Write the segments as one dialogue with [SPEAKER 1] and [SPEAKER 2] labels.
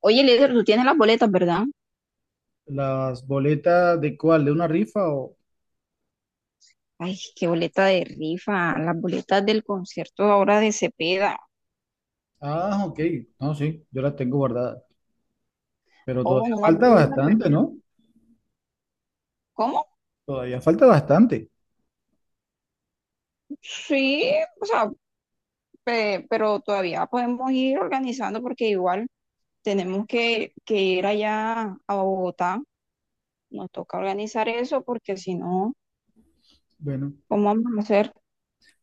[SPEAKER 1] Oye, líder, tú tienes las boletas, ¿verdad?
[SPEAKER 2] ¿Las boletas de cuál? ¿De una rifa o...?
[SPEAKER 1] Ay, qué boleta de rifa, las boletas del concierto ahora de Cepeda.
[SPEAKER 2] Ah, ok. No, sí, yo las tengo guardadas. Pero
[SPEAKER 1] Ojo,
[SPEAKER 2] todavía
[SPEAKER 1] no las
[SPEAKER 2] falta
[SPEAKER 1] voy a
[SPEAKER 2] bastante,
[SPEAKER 1] perder.
[SPEAKER 2] ¿no?
[SPEAKER 1] ¿Cómo?
[SPEAKER 2] Todavía falta bastante.
[SPEAKER 1] Sí, o sea, pero todavía podemos ir organizando porque igual tenemos que ir allá a Bogotá. Nos toca organizar eso porque si no,
[SPEAKER 2] Bueno,
[SPEAKER 1] ¿cómo vamos a hacer?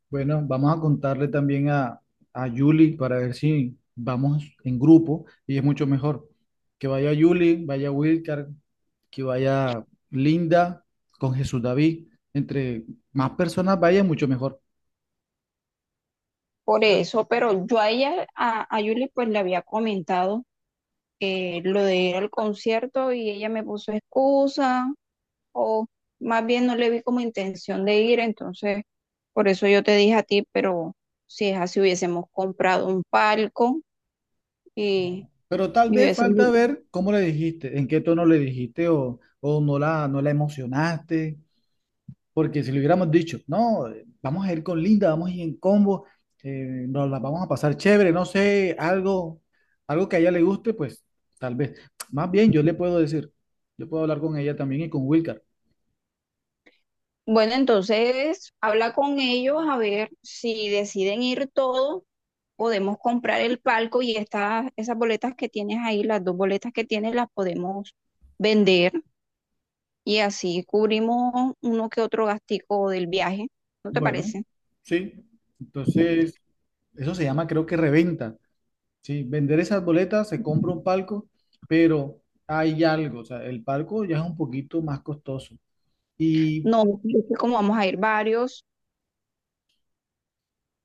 [SPEAKER 2] bueno, vamos a contarle también a Yuli para ver si vamos en grupo y es mucho mejor. Que vaya Yuli, vaya Wilcar, que vaya Linda con Jesús David. Entre más personas vaya, mucho mejor.
[SPEAKER 1] Por eso, pero yo a ella, a Yuli, pues le había comentado lo de ir al concierto y ella me puso excusa o más bien no le vi como intención de ir, entonces por eso yo te dije a ti, pero si es así hubiésemos comprado un palco y,
[SPEAKER 2] Pero tal
[SPEAKER 1] y
[SPEAKER 2] vez
[SPEAKER 1] hubiésemos
[SPEAKER 2] falta
[SPEAKER 1] ido.
[SPEAKER 2] ver cómo le dijiste, en qué tono le dijiste o no la emocionaste. Porque si le hubiéramos dicho, no, vamos a ir con Linda, vamos a ir en combo, nos la vamos a pasar chévere, no sé, algo, algo que a ella le guste, pues tal vez. Más bien, yo le puedo decir, yo puedo hablar con ella también y con Wilcar.
[SPEAKER 1] Bueno, entonces habla con ellos a ver si deciden ir todos, podemos comprar el palco y esas boletas que tienes ahí, las dos boletas que tienes, las podemos vender y así cubrimos uno que otro gastico del viaje. ¿No te
[SPEAKER 2] Bueno,
[SPEAKER 1] parece?
[SPEAKER 2] sí, entonces, eso se llama, creo que reventa, ¿sí? Vender esas boletas, se compra un palco, pero hay algo, o sea, el palco ya es un poquito más costoso. Y
[SPEAKER 1] No, es que como vamos a ir varios.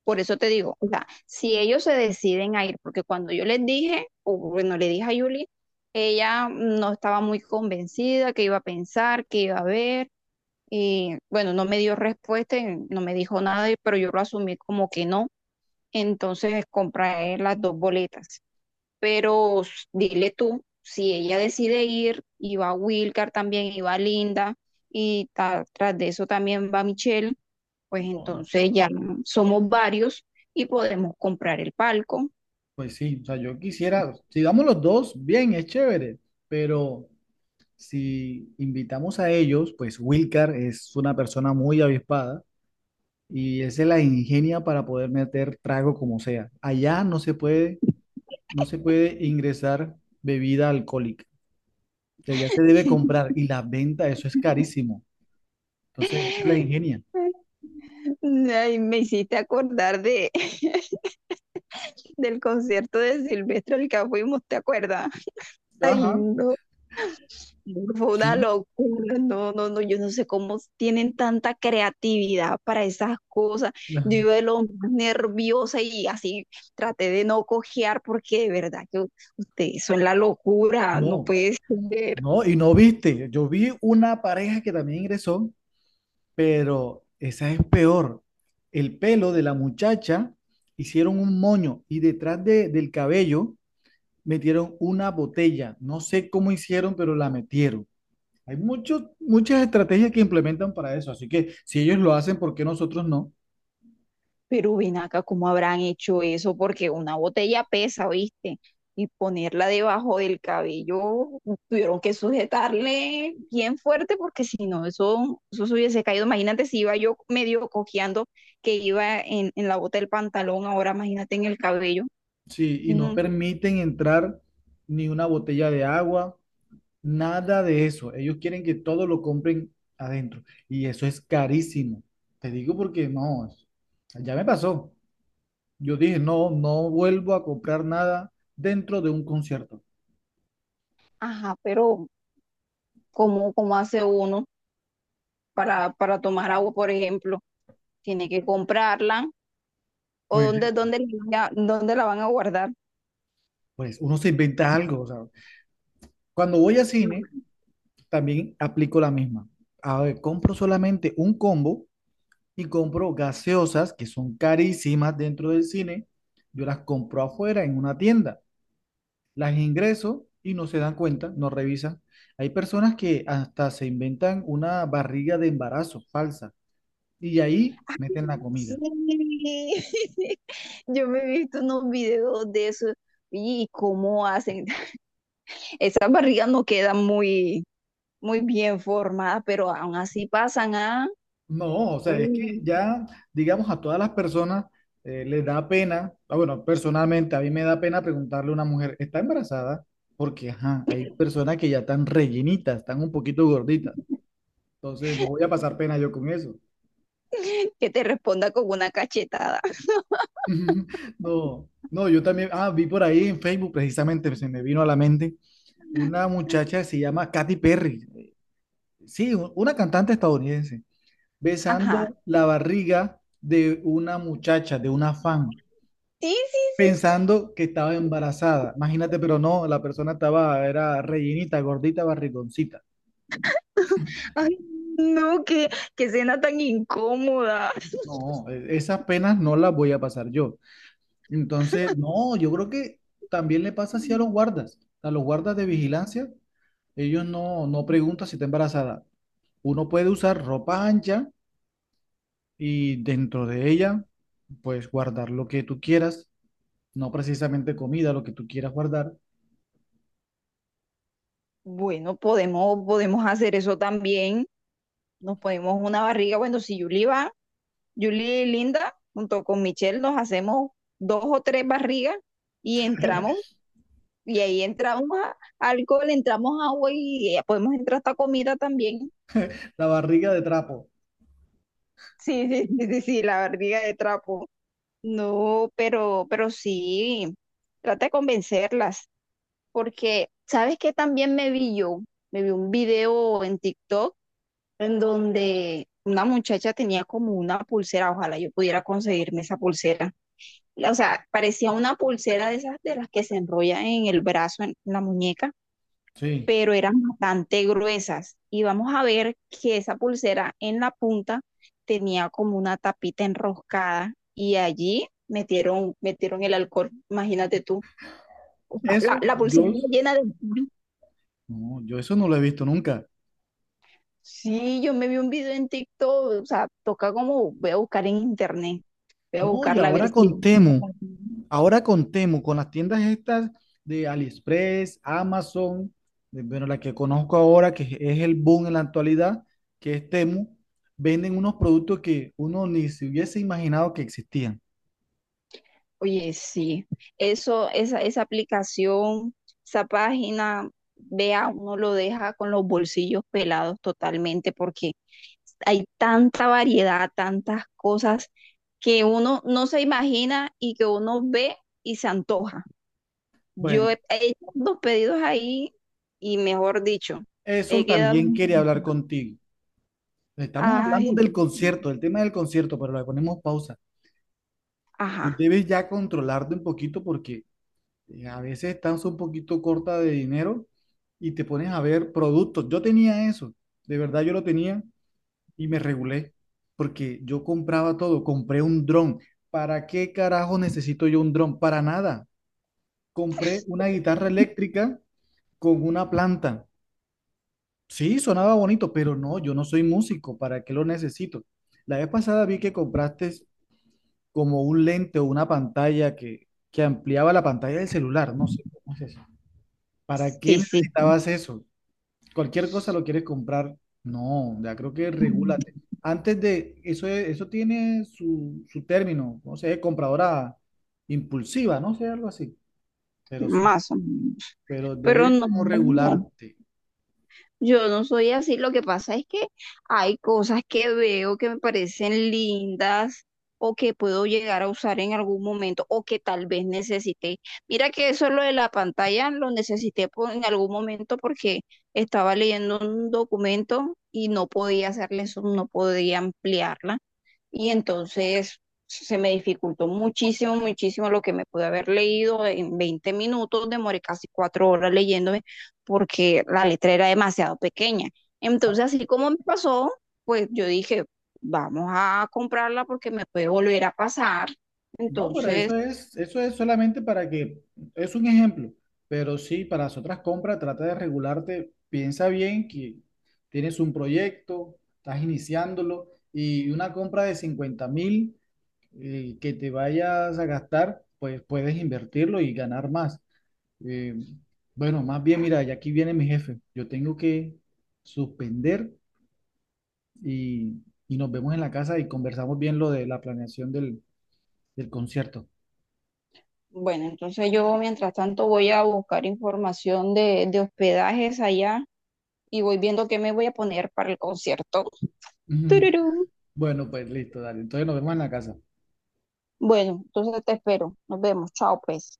[SPEAKER 1] Por eso te digo, o sea, si ellos se deciden a ir, porque cuando yo les dije, o bueno, le dije a Yuli, ella no estaba muy convencida, que iba a pensar, que iba a ver, y bueno, no me dio respuesta, y no me dijo nada, pero yo lo asumí como que no. Entonces compré las dos boletas. Pero dile tú, si ella decide ir, y va Wilcar también, y va Linda, y tras de eso también va Michelle, pues
[SPEAKER 2] no.
[SPEAKER 1] entonces ya somos varios y podemos comprar el palco.
[SPEAKER 2] Pues sí, o sea, yo quisiera, si damos los dos, bien, es chévere, pero si invitamos a ellos, pues Wilcar es una persona muy avispada y él se la ingenia para poder meter trago como sea. Allá no se puede, no se puede ingresar bebida alcohólica, que allá se debe comprar y la venta, eso es carísimo. Entonces, él se la ingenia.
[SPEAKER 1] Ay, me hiciste acordar de, del concierto de Silvestre al que fuimos, ¿te acuerdas? Ay,
[SPEAKER 2] Ajá,
[SPEAKER 1] no, fue una
[SPEAKER 2] sí.
[SPEAKER 1] locura, no, no, no, yo no sé cómo tienen tanta creatividad para esas cosas. Yo iba de lo más nerviosa y así traté de no cojear porque de verdad que ustedes son la locura, no
[SPEAKER 2] No,
[SPEAKER 1] puede ser.
[SPEAKER 2] no, y no viste, yo vi una pareja que también ingresó. Pero esa es peor. El pelo de la muchacha hicieron un moño y detrás de- del cabello metieron una botella. No sé cómo hicieron, pero la metieron. Hay muchos muchas estrategias que implementan para eso. Así que si ellos lo hacen, ¿por qué nosotros no?
[SPEAKER 1] Pero ven acá, ¿cómo habrán hecho eso? Porque una botella pesa, ¿viste? Y ponerla debajo del cabello, tuvieron que sujetarle bien fuerte porque si no, eso se hubiese caído. Imagínate si iba yo medio cojeando que iba en la bota del pantalón, ahora imagínate en el cabello.
[SPEAKER 2] Sí, y no
[SPEAKER 1] Mm.
[SPEAKER 2] permiten entrar ni una botella de agua, nada de eso. Ellos quieren que todo lo compren adentro. Y eso es carísimo. Te digo porque no, ya me pasó. Yo dije, no, no vuelvo a comprar nada dentro de un concierto.
[SPEAKER 1] Ajá, pero ¿cómo, cómo hace uno para tomar agua, por ejemplo? Tiene que comprarla o
[SPEAKER 2] Pues,
[SPEAKER 1] dónde, dónde la van a guardar.
[SPEAKER 2] pues uno se inventa algo, o sea, cuando voy a cine, también aplico la misma. A ver, compro solamente un combo y compro gaseosas que son carísimas dentro del cine. Yo las compro afuera en una tienda. Las ingreso y no se dan cuenta, no revisan. Hay personas que hasta se inventan una barriga de embarazo falsa y ahí
[SPEAKER 1] Ay,
[SPEAKER 2] meten la
[SPEAKER 1] sí,
[SPEAKER 2] comida.
[SPEAKER 1] yo me he visto unos videos de eso y cómo hacen. Esas barrigas no quedan muy, muy bien formadas, pero aún así pasan a...
[SPEAKER 2] No, o sea, es que
[SPEAKER 1] Uy.
[SPEAKER 2] ya, digamos, a todas las personas les da pena, ah, bueno, personalmente a mí me da pena preguntarle a una mujer, ¿está embarazada? Porque, ajá, hay personas que ya están rellenitas, están un poquito gorditas, entonces no voy a pasar pena yo con eso.
[SPEAKER 1] Que te responda con una cachetada.
[SPEAKER 2] No, no, yo también, ah, vi por ahí en Facebook, precisamente se me vino a la mente, una muchacha que se llama Katy Perry, sí, una cantante estadounidense,
[SPEAKER 1] Ajá.
[SPEAKER 2] besando la barriga de una muchacha, de una fan,
[SPEAKER 1] Sí, sí, sí, sí.
[SPEAKER 2] pensando que estaba embarazada. Imagínate, pero no, la persona estaba, era rellenita, gordita, barrigoncita.
[SPEAKER 1] Ay, no, qué, qué cena tan incómoda.
[SPEAKER 2] No, esas penas no las voy a pasar yo. Entonces, no, yo creo que también le pasa así a los guardas. A los guardas de vigilancia, ellos no preguntan si está embarazada. Uno puede usar ropa ancha y dentro de ella, pues guardar lo que tú quieras, no precisamente comida, lo que tú quieras guardar.
[SPEAKER 1] Bueno, podemos, podemos hacer eso también. Nos ponemos una barriga. Bueno, si Yuli va. Julie y Linda, junto con Michelle, nos hacemos dos o tres barrigas y entramos, y ahí entramos a alcohol, entramos agua y podemos entrar hasta comida también.
[SPEAKER 2] La barriga de trapo.
[SPEAKER 1] Sí, sí, sí, sí, sí, la barriga de trapo. No, pero sí, trata de convencerlas, porque ¿sabes qué también me vi yo? Me vi un video en TikTok en donde una muchacha tenía como una pulsera, ojalá yo pudiera conseguirme esa pulsera, o sea, parecía una pulsera de esas de las que se enrolla en el brazo, en la muñeca,
[SPEAKER 2] Sí.
[SPEAKER 1] pero eran bastante gruesas. Y vamos a ver que esa pulsera en la punta tenía como una tapita enroscada y allí metieron el alcohol, imagínate tú. O sea, La,
[SPEAKER 2] Eso,
[SPEAKER 1] la pulsera
[SPEAKER 2] yo
[SPEAKER 1] llena de...
[SPEAKER 2] No, yo eso no lo he visto nunca.
[SPEAKER 1] Sí, yo me vi un video en TikTok, o sea, toca como, voy a buscar en internet, voy a
[SPEAKER 2] No, y
[SPEAKER 1] buscarla a ver si...
[SPEAKER 2] ahora con Temu, con las tiendas estas de AliExpress, Amazon, de- bueno, la que conozco ahora, que es el boom en la actualidad, que es Temu, venden unos productos que uno ni se hubiese imaginado que existían.
[SPEAKER 1] Oye, sí, eso, esa aplicación, esa página, vea, uno lo deja con los bolsillos pelados totalmente porque hay tanta variedad, tantas cosas que uno no se imagina y que uno ve y se antoja. Yo
[SPEAKER 2] Bueno,
[SPEAKER 1] he hecho dos pedidos ahí y mejor dicho, he
[SPEAKER 2] eso
[SPEAKER 1] quedado...
[SPEAKER 2] también quería hablar contigo. Estamos hablando
[SPEAKER 1] Ay,
[SPEAKER 2] del
[SPEAKER 1] Dios mío.
[SPEAKER 2] concierto, del tema del concierto, pero le ponemos pausa. Tú
[SPEAKER 1] Ajá,
[SPEAKER 2] debes ya controlarte un poquito porque a veces estás un poquito corta de dinero y te pones a ver productos. Yo tenía eso, de verdad yo lo tenía y me regulé porque yo compraba todo, compré un dron. ¿Para qué carajo necesito yo un dron? Para nada. Compré una guitarra eléctrica con una planta. Sí, sonaba bonito, pero no, yo no soy músico, ¿para qué lo necesito? La vez pasada vi que compraste como un lente o una pantalla que ampliaba la pantalla del celular, no sé cómo se... ¿Para qué
[SPEAKER 1] sí, sí,
[SPEAKER 2] necesitabas eso? Cualquier cosa lo quieres comprar. No, ya creo que regúlate. Antes de eso, eso tiene su, su término, no sé, compradora impulsiva, no sé, algo así. Pero sí,
[SPEAKER 1] más o menos.
[SPEAKER 2] pero
[SPEAKER 1] Pero
[SPEAKER 2] debes
[SPEAKER 1] no,
[SPEAKER 2] como
[SPEAKER 1] no, no.
[SPEAKER 2] regularte.
[SPEAKER 1] Yo no soy así, lo que pasa es que hay cosas que veo que me parecen lindas o que puedo llegar a usar en algún momento o que tal vez necesité. Mira que eso lo de la pantalla lo necesité en algún momento porque estaba leyendo un documento y no podía hacerle eso, no podía ampliarla y entonces se me dificultó muchísimo, muchísimo lo que me pude haber leído en 20 minutos, demoré casi 4 horas leyéndome porque la letra era demasiado pequeña. Entonces, así como me pasó, pues yo dije, vamos a comprarla porque me puede volver a pasar.
[SPEAKER 2] No, pero
[SPEAKER 1] Entonces,
[SPEAKER 2] eso es solamente para que, es un ejemplo, pero sí, para las otras compras trata de regularte, piensa bien que tienes un proyecto, estás iniciándolo y una compra de 50.000 que te vayas a gastar, pues puedes invertirlo y ganar más. Eh, bueno, más bien, mira, ya aquí viene mi jefe. Yo tengo que suspender y, y nos vemos en la casa y conversamos bien lo de la planeación del concierto.
[SPEAKER 1] bueno, entonces yo mientras tanto voy a buscar información de hospedajes allá y voy viendo qué me voy a poner para el concierto. ¡Tururú!
[SPEAKER 2] Bueno, pues listo, dale. Entonces nos vemos en la casa.
[SPEAKER 1] Bueno, entonces te espero. Nos vemos. Chao, pues.